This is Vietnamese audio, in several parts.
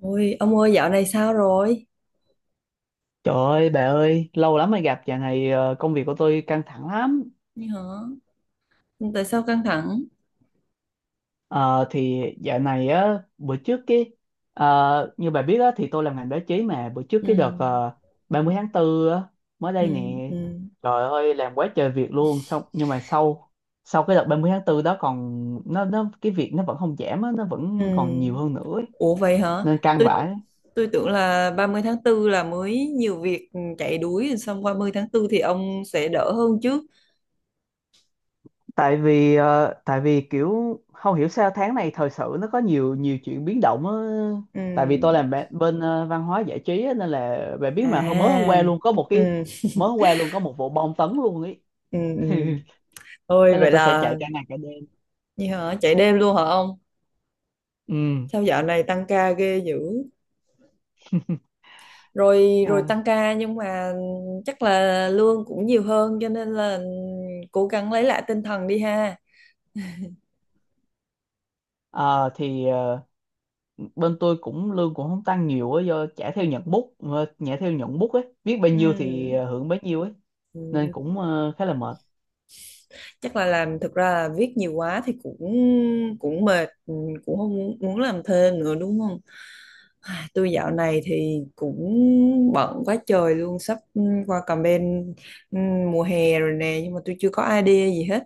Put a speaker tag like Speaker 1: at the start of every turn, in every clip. Speaker 1: Ôi, ông ơi dạo này sao rồi?
Speaker 2: Trời ơi bà ơi, lâu lắm mới gặp, dạo này công việc của tôi căng thẳng lắm.
Speaker 1: Như hả? Tại sao căng thẳng?
Speaker 2: Ờ, thì dạo này á, bữa trước như bà biết á, thì tôi làm ngành báo chí mà bữa trước
Speaker 1: Ừ,
Speaker 2: cái đợt 30 tháng 4 á, mới
Speaker 1: ừ,
Speaker 2: đây nè.
Speaker 1: ừ,
Speaker 2: Trời ơi, làm quá trời việc luôn, xong nhưng mà sau sau cái đợt 30 tháng 4 đó còn nó cái việc nó vẫn không giảm á, nó
Speaker 1: ừ.
Speaker 2: vẫn còn nhiều hơn nữa ấy.
Speaker 1: Ủa vậy hả?
Speaker 2: Nên căng
Speaker 1: Tôi
Speaker 2: vãi.
Speaker 1: tôi tưởng là 30 tháng tư là mới nhiều việc chạy đuổi xong 30 tháng tư thì ông sẽ đỡ hơn chứ.
Speaker 2: Tại vì kiểu không hiểu sao tháng này thời sự nó có nhiều nhiều chuyện biến động á. Tại vì tôi
Speaker 1: Ừ.
Speaker 2: làm bên văn hóa giải trí á, nên là bạn biết mà hôm mới hôm qua
Speaker 1: À.
Speaker 2: luôn có một cái
Speaker 1: Ừ,
Speaker 2: mới hôm qua luôn có một vụ bom tấn luôn ấy.
Speaker 1: ừ, ừ. Ôi
Speaker 2: Thế là
Speaker 1: vậy
Speaker 2: tôi phải chạy
Speaker 1: là
Speaker 2: cả ngày cả đêm.
Speaker 1: như hả? Chạy đêm luôn hả ông?
Speaker 2: Ừ.
Speaker 1: Sao dạo này tăng ca ghê dữ? Rồi rồi
Speaker 2: À,
Speaker 1: tăng ca, nhưng mà chắc là lương cũng nhiều hơn, cho nên là cố gắng lấy lại tinh thần đi ha.
Speaker 2: ờ, thì ờ, bên tôi cũng lương cũng không tăng nhiều á, do trả theo nhận bút ờ, trả theo nhận bút ấy, viết bao nhiêu thì
Speaker 1: Ừm,
Speaker 2: hưởng bấy nhiêu ấy, nên
Speaker 1: ừm,
Speaker 2: cũng khá là mệt.
Speaker 1: chắc là làm, thực ra là viết nhiều quá thì cũng cũng mệt, cũng không muốn, muốn làm thêm nữa, đúng không? À, tôi dạo này thì cũng bận quá trời luôn, sắp qua campaign, mùa hè rồi nè, nhưng mà tôi chưa có idea gì hết,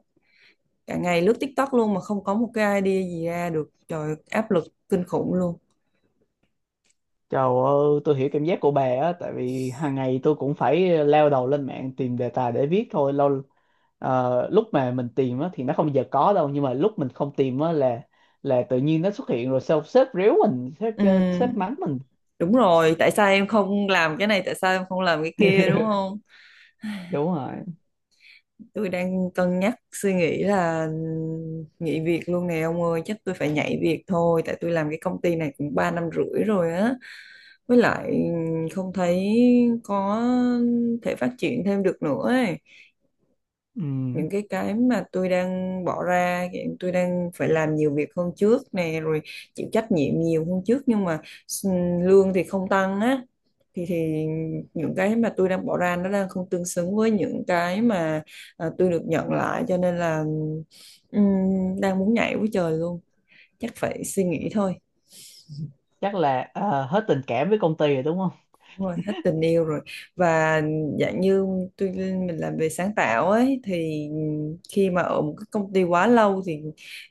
Speaker 1: cả ngày lướt TikTok luôn mà không có một cái idea gì ra được, trời áp lực kinh khủng luôn.
Speaker 2: Trời ơi, tôi hiểu cảm giác của bà á, tại vì hàng ngày tôi cũng phải leo đầu lên mạng tìm đề tài để viết thôi. Lúc mà mình tìm á, thì nó không bao giờ có đâu, nhưng mà lúc mình không tìm á, là tự nhiên nó xuất hiện rồi sao sếp ríu mình, sếp ờ,
Speaker 1: Ừm,
Speaker 2: sếp mắng mình.
Speaker 1: Đúng rồi, tại sao em không làm cái này, tại sao em không làm cái kia, đúng không?
Speaker 2: Đúng rồi.
Speaker 1: Tôi đang cân nhắc suy nghĩ là nghỉ việc luôn nè ông ơi, chắc tôi phải nhảy việc thôi, tại tôi làm cái công ty này cũng 3 năm rưỡi rồi á. Với lại không thấy có thể phát triển thêm được nữa ấy.
Speaker 2: Ừm,
Speaker 1: Những cái mà tôi đang bỏ ra, hiện tôi đang phải làm nhiều việc hơn trước nè, rồi chịu trách nhiệm nhiều hơn trước, nhưng mà lương thì không tăng á, thì những cái mà tôi đang bỏ ra nó đang không tương xứng với những cái mà à, tôi được nhận lại, cho nên là ừm, đang muốn nhảy với trời luôn, chắc phải suy nghĩ thôi.
Speaker 2: chắc là hết tình cảm với công ty rồi đúng
Speaker 1: Đúng rồi, hết tình yêu rồi. Và dạng như tôi, mình làm về sáng tạo ấy, thì khi mà ở một cái công ty quá lâu thì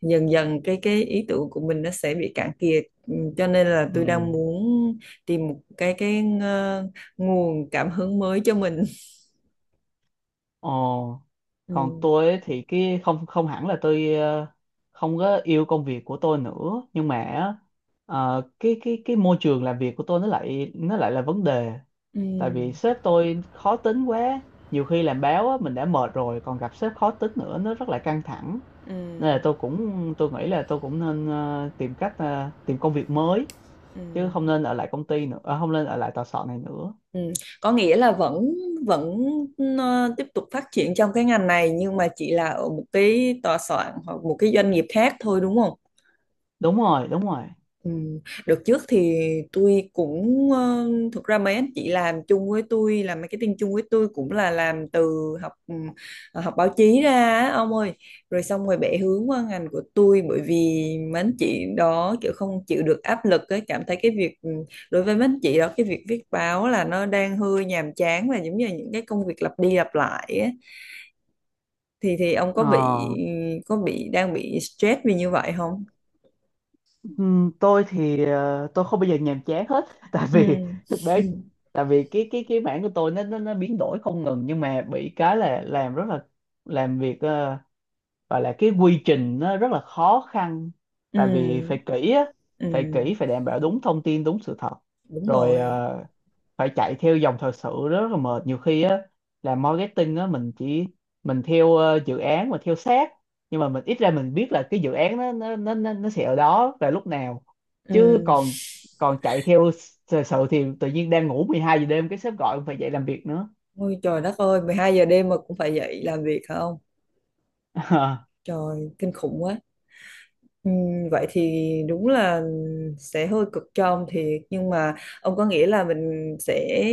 Speaker 1: dần dần cái ý tưởng của mình nó sẽ bị cạn kiệt. Ừ, cho nên là tôi đang
Speaker 2: không?
Speaker 1: muốn tìm một cái nguồn cảm hứng mới cho mình.
Speaker 2: Ồ, còn
Speaker 1: ừ.
Speaker 2: tôi ấy thì cái không không hẳn là tôi không có yêu công việc của tôi nữa, nhưng mà á, cái môi trường làm việc của tôi nó lại là vấn đề.
Speaker 1: Ừ.
Speaker 2: Tại vì sếp tôi khó tính quá, nhiều khi làm báo á, mình đã mệt rồi còn gặp sếp khó tính nữa, nó rất là căng thẳng.
Speaker 1: Ừ,
Speaker 2: Nên là tôi nghĩ là tôi cũng nên tìm cách tìm công việc mới,
Speaker 1: ừ,
Speaker 2: chứ không nên ở lại công ty nữa, không nên ở lại tòa soạn này nữa.
Speaker 1: Ừ. Có nghĩa là vẫn vẫn ờ, tiếp tục phát triển trong cái ngành này, nhưng mà chỉ là ở một cái tòa soạn hoặc một cái doanh nghiệp khác thôi, đúng không?
Speaker 2: Đúng rồi, đúng rồi.
Speaker 1: Ừ. Đợt trước thì tôi cũng thực ra mấy anh chị làm chung với tôi, làm marketing chung với tôi, cũng là làm từ học học báo chí ra á, ông ơi, rồi xong rồi bẻ hướng qua ngành của tôi, bởi vì mấy anh chị đó kiểu không chịu được áp lực ấy, cảm thấy cái việc đối với mấy anh chị đó, cái việc viết báo là nó đang hơi nhàm chán và giống như là những cái công việc lặp đi lặp lại ấy. Thì ông có bị,
Speaker 2: Ờ
Speaker 1: có bị đang bị stress vì như vậy không?
Speaker 2: Ừm, Tôi thì tôi không bao giờ nhàm chán hết. tại
Speaker 1: Ừ.
Speaker 2: vì thực tế tại vì cái mảng của tôi nó biến đổi không ngừng, nhưng mà bị cái là làm rất là làm việc, gọi là cái quy trình nó rất là khó khăn.
Speaker 1: Ừ.
Speaker 2: Tại vì phải kỹ á phải
Speaker 1: Ừ,
Speaker 2: kỹ phải đảm bảo đúng thông tin, đúng sự thật.
Speaker 1: đúng
Speaker 2: Rồi
Speaker 1: rồi.
Speaker 2: phải chạy theo dòng thời sự, rất là mệt nhiều khi á, là marketing á, mình chỉ mình theo dự án mà theo sát, nhưng mà mình ít ra mình biết là cái dự án nó sẽ ở đó và lúc nào, chứ
Speaker 1: Ừ.
Speaker 2: còn còn chạy theo thời sự thì tự nhiên đang ngủ 12 giờ đêm cái sếp gọi phải dậy làm việc nữa.
Speaker 1: Ôi trời đất ơi, 12 giờ đêm mà cũng phải dậy làm việc hả, không? Trời, kinh khủng quá. Ừ, vậy thì đúng là sẽ hơi cực cho ông thiệt. Nhưng mà ông có nghĩ là mình sẽ...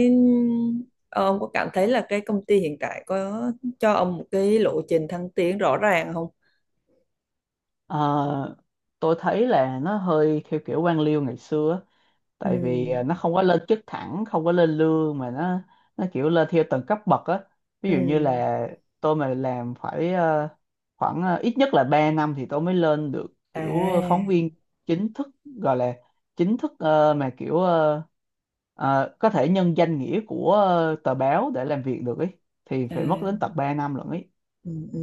Speaker 1: ờ, ông có cảm thấy là cái công ty hiện tại có cho ông một cái lộ trình thăng tiến rõ ràng không?
Speaker 2: Ờ, tôi thấy là nó hơi theo kiểu quan liêu ngày xưa á.
Speaker 1: Ừ.
Speaker 2: Tại vì nó không có lên chức thẳng, không có lên lương mà nó kiểu lên theo từng cấp bậc á, ví
Speaker 1: Ừ.
Speaker 2: dụ như là tôi mà làm phải khoảng ít nhất là 3 năm thì tôi mới lên được kiểu phóng
Speaker 1: À,
Speaker 2: viên chính thức, gọi là chính thức, mà kiểu có thể nhân danh nghĩa của tờ báo để làm việc được ấy, thì
Speaker 1: à.
Speaker 2: phải mất đến tận 3 năm lận ấy.
Speaker 1: Ừ, ừ.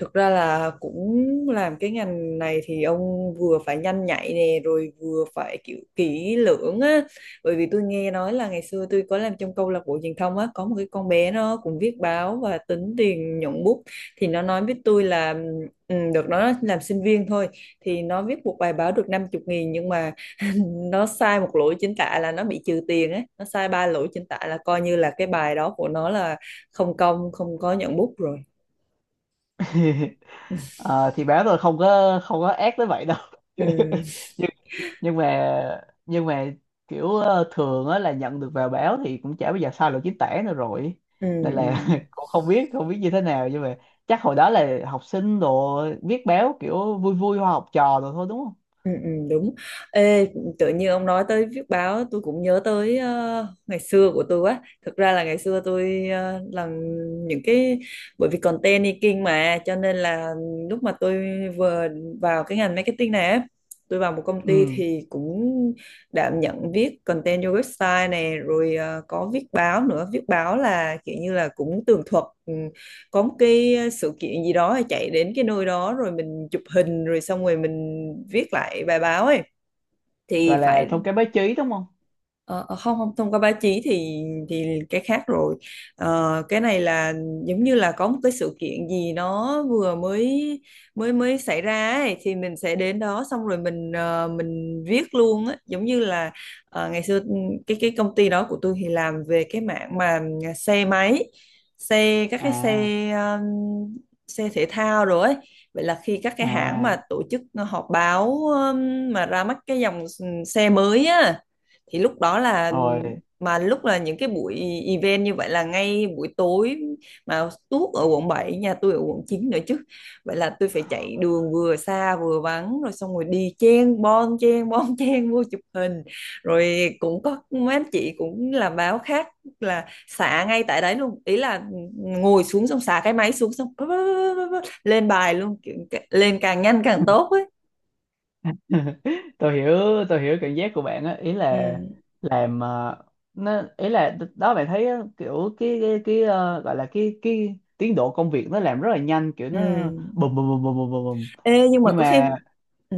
Speaker 1: Thực ra là cũng làm cái ngành này thì ông vừa phải nhanh nhạy nè, rồi vừa phải kiểu kỹ lưỡng á, bởi vì tôi nghe nói là ngày xưa tôi có làm trong câu lạc bộ truyền thông á, có một cái con bé nó cũng viết báo và tính tiền nhuận bút, thì nó nói với tôi là được, nó làm sinh viên thôi, thì nó viết một bài báo được năm chục nghìn, nhưng mà nó sai một lỗi chính tả là nó bị trừ tiền á, nó sai ba lỗi chính tả là coi như là cái bài đó của nó là không công, không có nhuận bút rồi.
Speaker 2: Ờ, thì báo tôi không có ác tới vậy đâu.
Speaker 1: ừ
Speaker 2: Nhưng nhưng mà kiểu thường á là nhận được vào báo thì cũng chả bao giờ sai lỗi chính tả nữa rồi,
Speaker 1: ừ
Speaker 2: nên
Speaker 1: ừ
Speaker 2: là cũng không biết không biết như thế nào, nhưng mà chắc hồi đó là học sinh đồ, viết báo kiểu vui vui hoa học trò rồi thôi, đúng không?
Speaker 1: ừ, đúng. Ê, tự nhiên ông nói tới viết báo, tôi cũng nhớ tới ngày xưa của tôi quá, thực ra là ngày xưa tôi làm những cái, bởi vì content making, mà cho nên là lúc mà tôi vừa vào cái ngành marketing này á, tôi vào một công ty
Speaker 2: Ừ.
Speaker 1: thì cũng đảm nhận viết content cho website này, rồi có viết báo nữa, viết báo là kiểu như là cũng tường thuật, có một cái sự kiện gì đó, chạy đến cái nơi đó rồi mình chụp hình rồi xong rồi mình viết lại bài báo ấy, thì
Speaker 2: Gọi là
Speaker 1: phải.
Speaker 2: thông cái báo chí đúng không?
Speaker 1: Ờ, ờ, không, không thông qua báo chí thì thì cái khác rồi. Ờ, cái này là giống như là có một cái sự kiện gì nó vừa mới mới mới xảy ra ấy, thì mình sẽ đến đó xong rồi mình mình viết luôn á, giống như là ngày xưa cái công ty đó của tôi thì làm về cái mảng mà à, xe máy, xe các cái xe
Speaker 2: À,
Speaker 1: ờ, xe thể thao rồi ấy. Vậy là khi các cái hãng
Speaker 2: à,
Speaker 1: mà tổ chức họp báo mà ra mắt cái dòng xe mới á, thì lúc đó là
Speaker 2: rồi.
Speaker 1: mà lúc là những cái buổi event như vậy là ngay buổi tối, mà tuốt ở quận bảy, nhà tôi ở quận 9 nữa chứ, vậy là tôi phải chạy đường vừa xa vừa vắng, rồi xong rồi đi chen bon chen vô chụp hình, rồi cũng có mấy anh chị cũng làm báo khác là xả ngay tại đấy luôn, ý là ngồi xuống xong xả cái máy xuống xong bá, bá, bá, bá, bá, lên bài luôn. Kiểu- lên càng nhanh càng tốt ấy.
Speaker 2: Tôi hiểu tôi hiểu cảm giác của bạn á, ý
Speaker 1: Ừ.
Speaker 2: là làm, nó ý là đó bạn thấy á, kiểu gọi là cái tiến độ công việc nó làm rất là nhanh, kiểu nó
Speaker 1: Ừ.
Speaker 2: bùm bùm bùm bùm bùm bùm bùm.
Speaker 1: Ê, nhưng mà
Speaker 2: Nhưng
Speaker 1: có khi
Speaker 2: mà
Speaker 1: Ừ.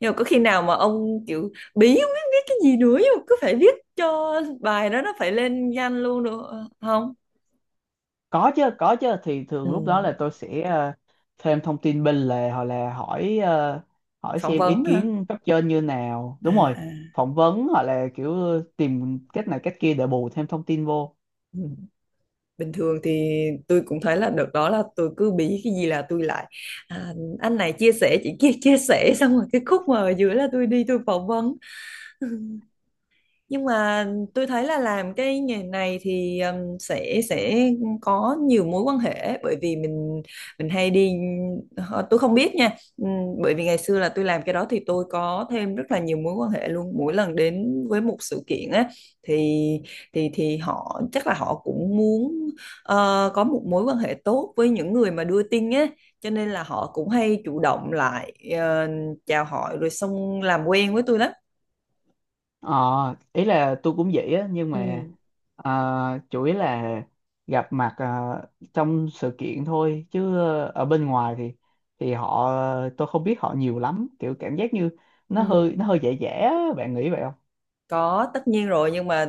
Speaker 1: Nhưng mà có khi nào mà ông kiểu bí không biết viết cái gì nữa, nhưng mà cứ phải viết cho bài đó nó phải lên danh luôn được ờ, không?
Speaker 2: có chứ có chứ, thì
Speaker 1: Ừ.
Speaker 2: thường lúc đó là tôi sẽ thêm thông tin bên lề, hoặc là hỏi
Speaker 1: Phỏng
Speaker 2: xem ý
Speaker 1: vấn hả?
Speaker 2: kiến cấp trên như nào,
Speaker 1: À,
Speaker 2: đúng rồi.
Speaker 1: à.
Speaker 2: Phỏng vấn hoặc là kiểu tìm cách này cách kia để bù thêm thông tin vô.
Speaker 1: Ừ. Bình thường thì tôi cũng thấy là đợt đó là tôi cứ bí cái gì là tôi lại à, anh này chia sẻ, chị kia chia sẻ, xong rồi cái khúc mà ở giữa là tôi đi tôi phỏng vấn, nhưng mà tôi thấy là làm cái nghề này thì sẽ có nhiều mối quan hệ, bởi vì mình hay đi tôi không biết nha. Ừm, bởi vì ngày xưa là tôi làm cái đó thì tôi có thêm rất là nhiều mối quan hệ luôn, mỗi lần đến với một sự kiện á thì thì họ chắc là họ cũng muốn có một mối quan hệ tốt với những người mà đưa tin á, cho nên là họ cũng hay chủ động lại ờ, chào hỏi rồi xong làm quen với tôi lắm.
Speaker 2: Ờ, ý là tôi cũng vậy á, nhưng
Speaker 1: ừ
Speaker 2: mà ờ, chủ yếu là gặp mặt trong sự kiện thôi, chứ ở bên ngoài thì họ, tôi không biết họ nhiều lắm, kiểu cảm giác như nó
Speaker 1: ừ
Speaker 2: hơi nó hơi dễ dễ á, bạn nghĩ vậy không?
Speaker 1: Có, tất nhiên rồi, nhưng mà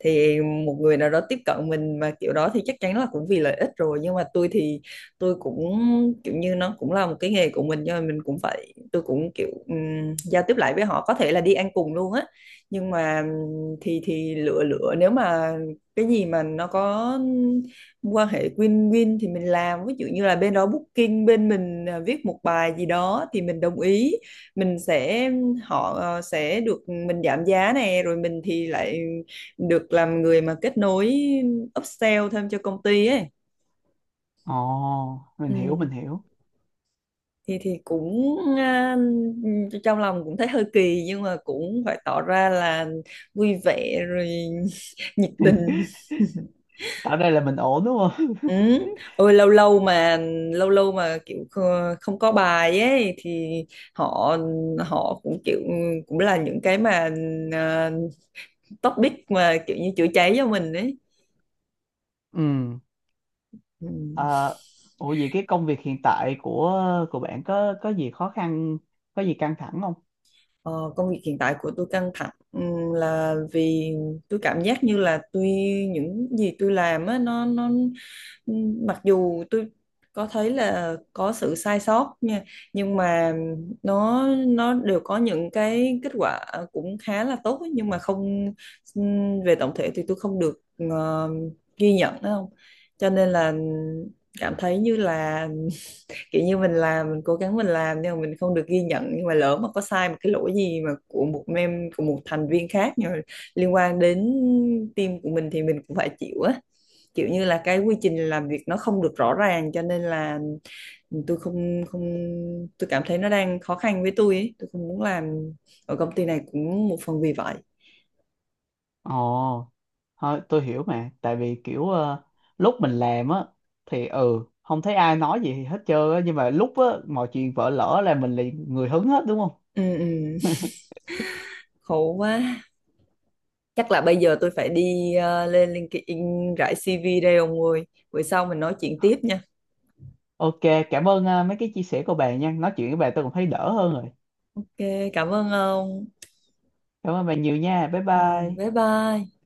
Speaker 1: thì một người nào đó tiếp cận mình mà kiểu đó thì chắc chắn là cũng vì lợi ích rồi, nhưng mà tôi thì tôi cũng kiểu như nó cũng là một cái nghề của mình, nhưng mà mình cũng phải, tôi cũng kiểu giao tiếp lại với họ, có thể là đi ăn cùng luôn á, nhưng mà thì lựa lựa, nếu mà cái gì mà nó có quan hệ win-win thì mình làm, ví dụ như là bên đó booking bên mình à, viết một bài gì đó thì mình đồng ý, mình sẽ họ sẽ được mình giảm giá nè, rồi mình thì lại được làm người mà kết nối upsell thêm cho công ty ấy.
Speaker 2: Ồ, mình hiểu
Speaker 1: Ừ.
Speaker 2: mình hiểu.
Speaker 1: Thì cũng à, trong lòng cũng thấy hơi kỳ, nhưng mà cũng phải tỏ ra là vui vẻ rồi nhiệt tình.
Speaker 2: Tạo ra là mình ổn đúng không?
Speaker 1: Ừ. Ôi lâu lâu mà kiểu không có bài ấy thì họ, họ cũng kiểu cũng là những cái mà à, topic mà kiểu như chữa cháy cho mình ấy.
Speaker 2: Ừ.
Speaker 1: Ừ.
Speaker 2: Ờ, ủa vậy cái công việc hiện tại của bạn có gì khó khăn, có gì căng thẳng không?
Speaker 1: Ờ, công việc hiện tại của tôi căng thẳng là vì tôi cảm giác như là tôi, những gì tôi làm á, nó ừ, mặc dù tôi có thấy là có sự sai sót nha, nhưng mà nó đều có những cái kết quả cũng khá là tốt ấy, nhưng mà không về tổng thể thì tôi không được ờ, ghi nhận, đúng không, cho nên là cảm thấy như là kiểu như mình làm, mình cố gắng mình làm, nhưng mà mình không được ghi nhận, nhưng mà lỡ mà có sai một cái lỗi gì mà của một mem, của một thành viên khác, nhưng mà liên quan đến team của mình thì mình cũng phải chịu á, kiểu như là cái quy trình làm việc nó không được rõ ràng, cho nên là tôi không không tôi cảm thấy nó đang khó khăn với tôi ấy. Tôi không muốn làm ở công ty này cũng một phần vì vậy.
Speaker 2: Ồ. Thôi, tôi hiểu mà, tại vì kiểu lúc mình làm á thì ừ không thấy ai nói gì hết trơn á, nhưng mà lúc á mọi chuyện vỡ lỡ là mình liền người hứng hết đúng không?
Speaker 1: Ừ, ừ. Khổ quá, chắc là bây giờ tôi phải đi lên LinkedIn rải CV đây ông ơi, bữa sau mình nói chuyện tiếp nha.
Speaker 2: Ok, cảm ơn mấy cái chia sẻ của bà nha, nói chuyện với bà tôi cũng thấy đỡ hơn rồi.
Speaker 1: Ok, cảm ơn ông.
Speaker 2: Cảm ơn bà nhiều nha, bye
Speaker 1: Ừ,
Speaker 2: bye.
Speaker 1: bye bye.